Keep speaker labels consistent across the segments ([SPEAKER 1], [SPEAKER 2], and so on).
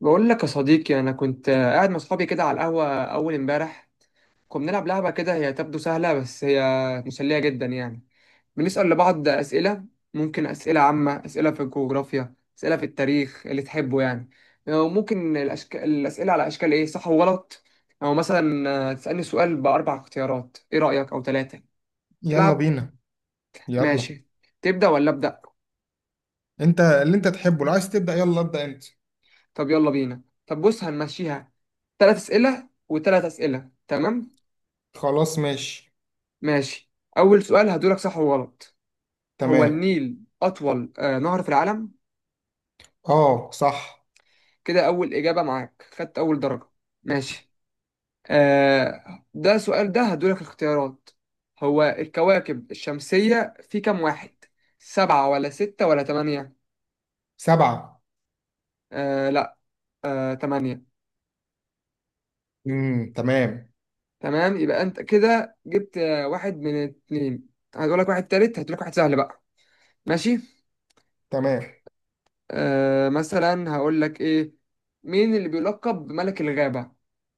[SPEAKER 1] بقول لك يا صديقي، انا كنت قاعد مع اصحابي كده على القهوه اول امبارح. كنا بنلعب لعبه كده، هي تبدو سهله بس هي مسليه جدا يعني. بنسال لبعض اسئله، ممكن اسئله عامه، اسئله في الجغرافيا، اسئله في التاريخ اللي تحبه يعني. وممكن الاسئله على اشكال ايه، صح وغلط، او مثلا تسالني سؤال باربع اختيارات، ايه رايك، او ثلاثه
[SPEAKER 2] يلا
[SPEAKER 1] تلعب.
[SPEAKER 2] بينا يلا
[SPEAKER 1] ماشي، تبدا ولا ابدا؟
[SPEAKER 2] انت اللي تحبه، لو عايز تبدأ يلا ابدأ انت.
[SPEAKER 1] طب يلا بينا، طب بص، هنمشيها ثلاث اسئله وثلاث اسئله، تمام؟
[SPEAKER 2] خلاص ماشي.
[SPEAKER 1] ماشي. أول سؤال هدولك صح وغلط. هو
[SPEAKER 2] تمام.
[SPEAKER 1] النيل أطول نهر في العالم؟
[SPEAKER 2] اه صح.
[SPEAKER 1] كده أول إجابة معاك، خدت أول درجة. ماشي. ده سؤال ده هدولك اختيارات. هو الكواكب الشمسية في كام واحد؟ سبعة ولا ستة ولا تمانية؟
[SPEAKER 2] سبعة.
[SPEAKER 1] آه، لا. آه، تمانية.
[SPEAKER 2] تمام.
[SPEAKER 1] تمام، يبقى أنت كده جبت واحد من اتنين. هدولك واحد تالت، هدولك واحد سهل بقى. ماشي.
[SPEAKER 2] تمام.
[SPEAKER 1] مثلا هقول لك ايه، مين اللي بيلقب بملك الغابة؟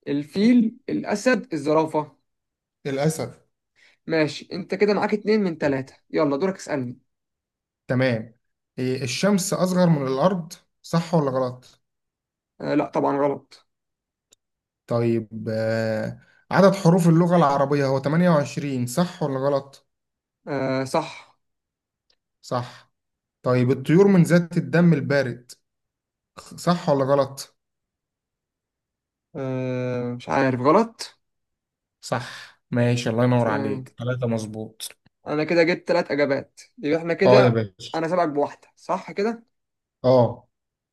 [SPEAKER 1] الفيل، الأسد، الزرافة؟
[SPEAKER 2] الأسد.
[SPEAKER 1] ماشي، انت كده معاك اتنين من تلاتة. يلا دورك، اسألني.
[SPEAKER 2] تمام. إيه، الشمس أصغر من الأرض؟ صح ولا غلط؟
[SPEAKER 1] آه لا، طبعا غلط.
[SPEAKER 2] طيب عدد حروف اللغة العربية هو 28، صح ولا غلط؟
[SPEAKER 1] آه صح.
[SPEAKER 2] صح. طيب الطيور من ذات الدم البارد، صح ولا غلط؟
[SPEAKER 1] آه، مش عارف، غلط.
[SPEAKER 2] صح ماشي، الله ينور
[SPEAKER 1] آه،
[SPEAKER 2] عليك، ثلاثة مظبوط.
[SPEAKER 1] انا كده جبت تلات اجابات، يبقى احنا
[SPEAKER 2] اه يا
[SPEAKER 1] كده
[SPEAKER 2] باشا.
[SPEAKER 1] انا سابقك بواحدة صح كده.
[SPEAKER 2] اه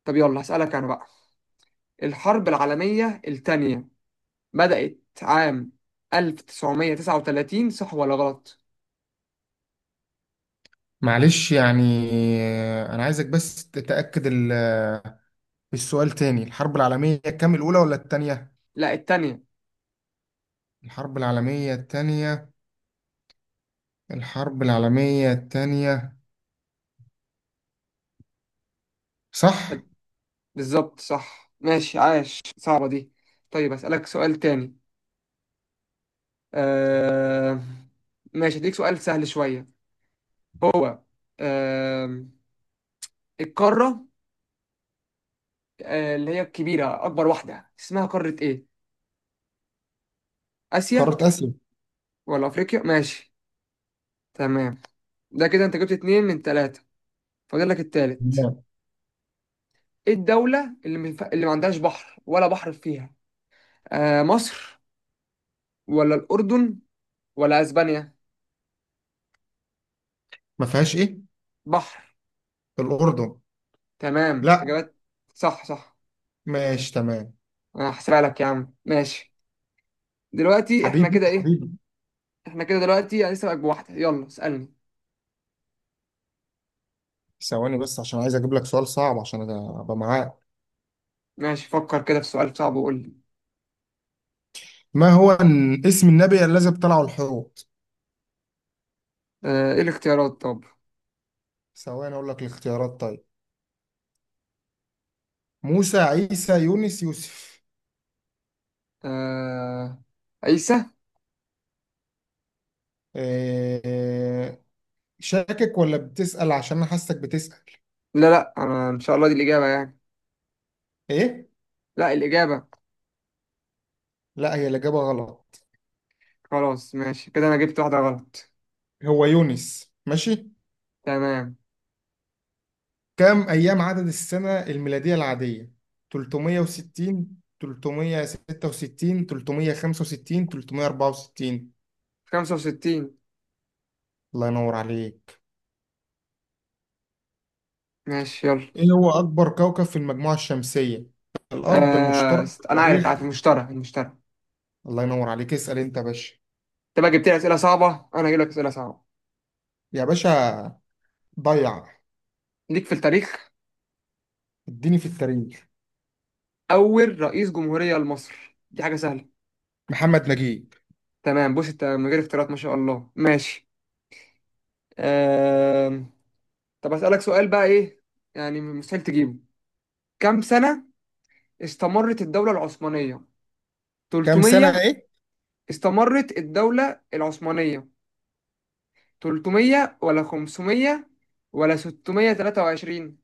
[SPEAKER 1] طب يلا هسألك انا بقى. الحرب العالمية التانية بدأت عام 1939، صح ولا غلط؟
[SPEAKER 2] معلش يعني. انا عايزك بس تتأكد السؤال تاني، الحرب العالمية كام، الأولى ولا التانية؟
[SPEAKER 1] لا، التانية.
[SPEAKER 2] الحرب العالمية التانية الحرب العالمية التانية. صح.
[SPEAKER 1] بالظبط صح، ماشي، عاش، صعبة دي. طيب أسألك سؤال تاني. آه... ماشي، أديك سؤال سهل شوية. هو آه... القارة، اللي هي الكبيرة، أكبر واحدة اسمها قارة إيه؟ آسيا
[SPEAKER 2] قارة آسيا.
[SPEAKER 1] ولا أفريقيا؟ ماشي، تمام. ده كده أنت جبت اتنين من تلاتة، فاضل لك التالت.
[SPEAKER 2] لا.
[SPEAKER 1] إيه الدولة اللي ما اللي ما عندهاش بحر ولا بحر فيها؟ مصر ولا الأردن ولا أسبانيا؟
[SPEAKER 2] ما فيهاش ايه؟
[SPEAKER 1] بحر.
[SPEAKER 2] الأردن.
[SPEAKER 1] تمام،
[SPEAKER 2] لا.
[SPEAKER 1] إجابات صح صح.
[SPEAKER 2] ماشي تمام.
[SPEAKER 1] انا هحسبها لك يا عم، ماشي. دلوقتي احنا
[SPEAKER 2] حبيبي
[SPEAKER 1] كده ايه،
[SPEAKER 2] حبيبي
[SPEAKER 1] احنا كده دلوقتي يعني لسه بقى بواحده. يلا اسالني.
[SPEAKER 2] ثواني بس، عشان عايز اجيب لك سؤال صعب عشان ابقى معاك.
[SPEAKER 1] ماشي، فكر كده في سؤال صعب وقول لي.
[SPEAKER 2] ما هو، اسم النبي الذي ابتلعه الحوت؟
[SPEAKER 1] آه، ايه الاختيارات طب؟
[SPEAKER 2] ثواني اقول لك الاختيارات، طيب، موسى، عيسى، يونس، يوسف.
[SPEAKER 1] آه، عيسى.
[SPEAKER 2] آه، شاكك ولا بتسأل؟ عشان انا حاسك بتسأل.
[SPEAKER 1] لا لا، انا ان شاء الله دي الاجابه يعني.
[SPEAKER 2] ايه؟
[SPEAKER 1] لا، الاجابه.
[SPEAKER 2] لا هي الإجابة غلط،
[SPEAKER 1] خلاص، ماشي، كده انا جبت واحده غلط.
[SPEAKER 2] هو يونس. ماشي،
[SPEAKER 1] تمام،
[SPEAKER 2] كم أيام عدد السنة الميلادية العادية؟ 360، 366، 365، 364؟
[SPEAKER 1] 65.
[SPEAKER 2] الله ينور عليك.
[SPEAKER 1] ماشي يلا.
[SPEAKER 2] ايه هو أكبر كوكب في المجموعة الشمسية؟ الأرض، المشترك،
[SPEAKER 1] انا عارف
[SPEAKER 2] التاريخ؟
[SPEAKER 1] عارف المشترى المشترى.
[SPEAKER 2] الله ينور عليك، اسأل انت يا باشا.
[SPEAKER 1] انت بقى جبت لي اسئله صعبه، انا هجيب لك اسئله صعبه
[SPEAKER 2] يا باشا ضيع،
[SPEAKER 1] ليك في التاريخ.
[SPEAKER 2] اديني في التاريخ.
[SPEAKER 1] اول رئيس جمهوريه لمصر، دي حاجه سهله.
[SPEAKER 2] محمد نجيب.
[SPEAKER 1] تمام، بص انت من غير اختيارات، ما شاء الله. ماشي. آم، طب اسألك سؤال بقى ايه، يعني مستحيل تجيبه. كم سنة استمرت الدولة العثمانية؟
[SPEAKER 2] كم سنة
[SPEAKER 1] 300.
[SPEAKER 2] ايه
[SPEAKER 1] استمرت الدولة العثمانية 300 ولا 500 ولا 623؟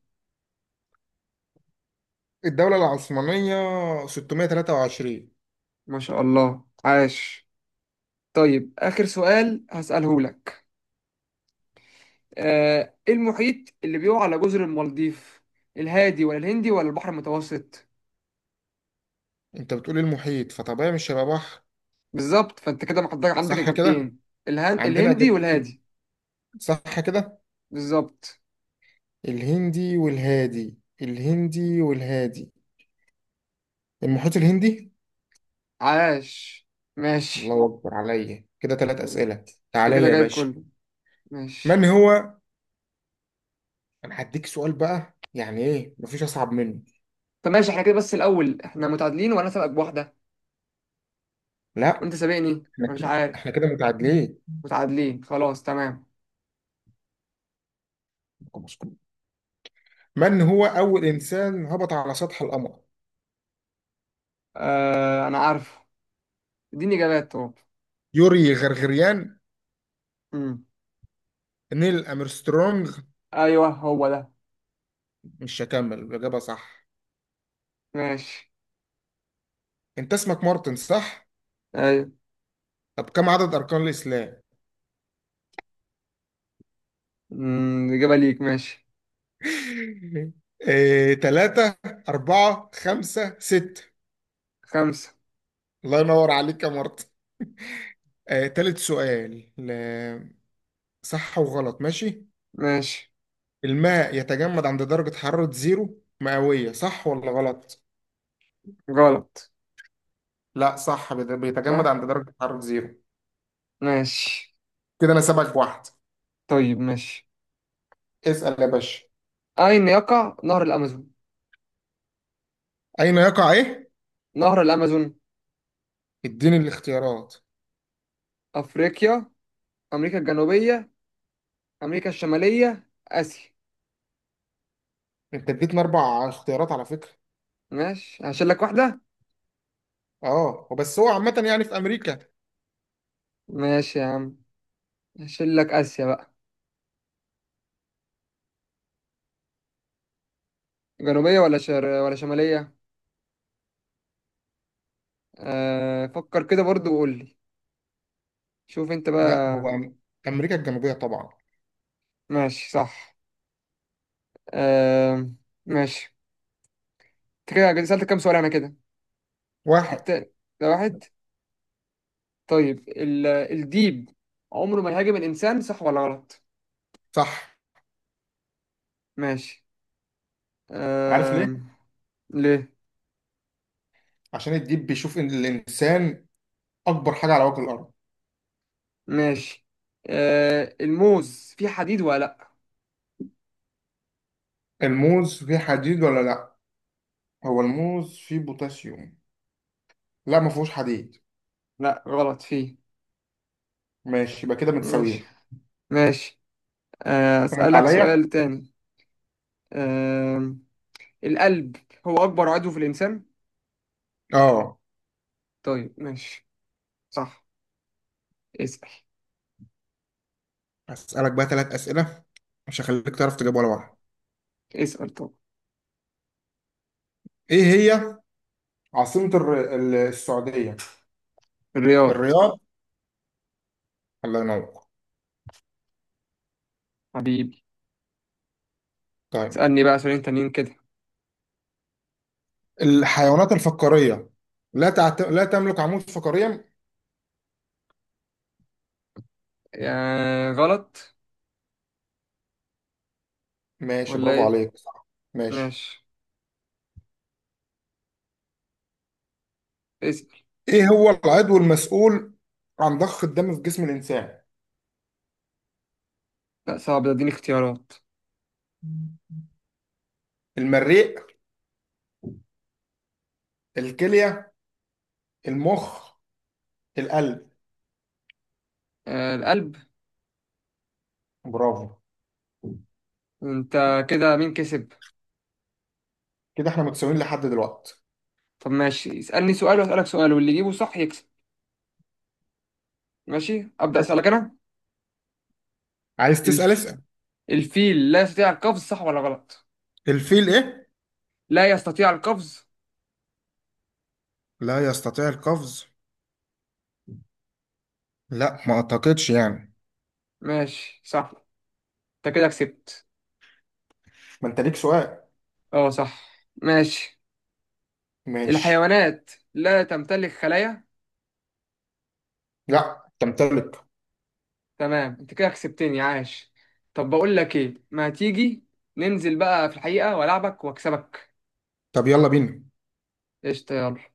[SPEAKER 2] الدولة العثمانية؟ 623.
[SPEAKER 1] ما شاء الله عاش. طيب آخر سؤال هسأله لك. ايه المحيط اللي بيقع على جزر المالديف؟ الهادي ولا الهندي ولا البحر المتوسط؟
[SPEAKER 2] انت بتقول إيه، المحيط؟ فطبيعي مش هيبقى بحر.
[SPEAKER 1] بالظبط، فانت كده محضر عندك
[SPEAKER 2] صح كده،
[SPEAKER 1] اجابتين.
[SPEAKER 2] عندنا
[SPEAKER 1] الهندي
[SPEAKER 2] اجابتين.
[SPEAKER 1] والهادي.
[SPEAKER 2] صح كده،
[SPEAKER 1] بالظبط.
[SPEAKER 2] الهندي والهادي، المحيط الهندي.
[SPEAKER 1] عاش، ماشي،
[SPEAKER 2] الله اكبر عليا، كده ثلاث اسئله.
[SPEAKER 1] انت
[SPEAKER 2] تعالى
[SPEAKER 1] كده
[SPEAKER 2] لي يا
[SPEAKER 1] جايب
[SPEAKER 2] باشا.
[SPEAKER 1] كله. ماشي.
[SPEAKER 2] من هو؟ انا هديك سؤال بقى، يعني ايه مفيش اصعب منه.
[SPEAKER 1] طب ماشي احنا كده، بس الاول احنا متعادلين وانا سابقك بواحده،
[SPEAKER 2] لا
[SPEAKER 1] وانت سابقني،
[SPEAKER 2] احنا
[SPEAKER 1] انا مش
[SPEAKER 2] كده احنا
[SPEAKER 1] عارف.
[SPEAKER 2] كده متعادلين.
[SPEAKER 1] متعادلين، خلاص تمام.
[SPEAKER 2] من هو اول انسان هبط على سطح القمر؟
[SPEAKER 1] آه انا عارف، اديني اجابات طب.
[SPEAKER 2] يوري غرغريان،
[SPEAKER 1] مم.
[SPEAKER 2] نيل امسترونج؟
[SPEAKER 1] ايوه هو ده.
[SPEAKER 2] مش هكمل، الإجابة صح.
[SPEAKER 1] ماشي.
[SPEAKER 2] أنت اسمك مارتن صح؟
[SPEAKER 1] ايوه.
[SPEAKER 2] طب كم عدد أركان الإسلام؟
[SPEAKER 1] مم، اجابه ليك، ماشي.
[SPEAKER 2] إيه، تلاتة، أربعة، خمسة، ستة؟
[SPEAKER 1] خمسه.
[SPEAKER 2] الله ينور عليك يا مارتن. تالت سؤال صح وغلط، ماشي.
[SPEAKER 1] ماشي.
[SPEAKER 2] الماء يتجمد عند درجة حرارة زيرو مئوية، صح ولا غلط؟
[SPEAKER 1] غلط.
[SPEAKER 2] لا صح، بيتجمد
[SPEAKER 1] صح.
[SPEAKER 2] عند درجة حرارة زيرو.
[SPEAKER 1] ماشي.
[SPEAKER 2] كده أنا سابقك بواحد.
[SPEAKER 1] طيب ماشي.
[SPEAKER 2] اسأل يا باشا.
[SPEAKER 1] اين يقع نهر الامازون؟
[SPEAKER 2] أين يقع إيه؟
[SPEAKER 1] نهر الأمازون؟
[SPEAKER 2] اديني الاختيارات.
[SPEAKER 1] أفريقيا، أمريكا الجنوبية، أمريكا الشمالية، آسيا.
[SPEAKER 2] أنت اديتنا أربع اختيارات على فكرة.
[SPEAKER 1] ماشي، هشيل لك واحدة.
[SPEAKER 2] اه وبس، هو عامة يعني في أمريكا.
[SPEAKER 1] ماشي يا عم، هشيل لك آسيا بقى. جنوبية ولا ولا شمالية؟ فكر كده برضو وقول لي، شوف أنت
[SPEAKER 2] لا
[SPEAKER 1] بقى.
[SPEAKER 2] هو أمريكا الجنوبية طبعا.
[SPEAKER 1] ماشي، صح. آه... ماشي. أنت كده سألت كام سؤال، أنا كده
[SPEAKER 2] واحد
[SPEAKER 1] الت- ده واحد. طيب الديب عمره ما يهاجم الإنسان، صح ولا غلط؟
[SPEAKER 2] صح.
[SPEAKER 1] ماشي.
[SPEAKER 2] عارف
[SPEAKER 1] آه...
[SPEAKER 2] ليه؟
[SPEAKER 1] ليه؟
[SPEAKER 2] عشان الديب بيشوف إن الإنسان أكبر حاجة على وجه الأرض.
[SPEAKER 1] ماشي. آه، الموز فيه حديد ولا لا؟
[SPEAKER 2] الموز فيه حديد ولا لأ؟ هو الموز فيه بوتاسيوم، لا ما فيهوش حديد.
[SPEAKER 1] لا غلط، فيه.
[SPEAKER 2] ماشي، يبقى كده
[SPEAKER 1] ماشي.
[SPEAKER 2] متساويين.
[SPEAKER 1] ماشي.
[SPEAKER 2] فاهم
[SPEAKER 1] اسألك
[SPEAKER 2] عليا؟
[SPEAKER 1] سؤال تاني. آه، القلب هو اكبر عضو في الانسان.
[SPEAKER 2] اه.
[SPEAKER 1] طيب ماشي، صح. اسأل.
[SPEAKER 2] أسألك بقى ثلاث أسئلة، مش هخليك تعرف تجاوب ولا واحدة.
[SPEAKER 1] اسأل طب.
[SPEAKER 2] إيه هي عاصمة السعودية؟
[SPEAKER 1] الرياض.
[SPEAKER 2] الرياض. الله ينور.
[SPEAKER 1] حبيبي.
[SPEAKER 2] طيب
[SPEAKER 1] اسألني بقى سؤالين تانيين كده.
[SPEAKER 2] الحيوانات الفقارية لا تملك عمود فقري.
[SPEAKER 1] آه غلط.
[SPEAKER 2] ماشي
[SPEAKER 1] ولا
[SPEAKER 2] برافو
[SPEAKER 1] ايه؟
[SPEAKER 2] عليك، صح. ماشي.
[SPEAKER 1] ماشي. اسأل.
[SPEAKER 2] ايه هو العضو المسؤول عن ضخ الدم في جسم الانسان؟
[SPEAKER 1] لا صعب ده، اديني اختيارات.
[SPEAKER 2] المريء، الكلية، المخ، القلب؟
[SPEAKER 1] آه، القلب.
[SPEAKER 2] برافو.
[SPEAKER 1] انت كده مين كسب؟
[SPEAKER 2] كده احنا متساويين لحد دلوقتي.
[SPEAKER 1] طب ماشي، اسألني سؤال واسألك سؤال، واللي يجيبه صح يكسب. ماشي، أبدأ
[SPEAKER 2] ماشي.
[SPEAKER 1] أسألك أنا.
[SPEAKER 2] عايز تسأل
[SPEAKER 1] الف...
[SPEAKER 2] اسأل.
[SPEAKER 1] الفيل لا يستطيع القفز، صح ولا غلط؟
[SPEAKER 2] الفيل ايه؟
[SPEAKER 1] لا يستطيع القفز.
[SPEAKER 2] لا يستطيع القفز. لا ما اعتقدش يعني.
[SPEAKER 1] ماشي، صح، انت كده كسبت.
[SPEAKER 2] ما انت ليك سؤال.
[SPEAKER 1] اه صح، ماشي.
[SPEAKER 2] ماشي.
[SPEAKER 1] الحيوانات لا تمتلك خلايا.
[SPEAKER 2] لا تمتلك.
[SPEAKER 1] تمام، انت كده كسبتني، عاش. طب بقول لك ايه، ما تيجي ننزل بقى في الحقيقة والعبك واكسبك.
[SPEAKER 2] طب يلا بينا.
[SPEAKER 1] قشطة، يلا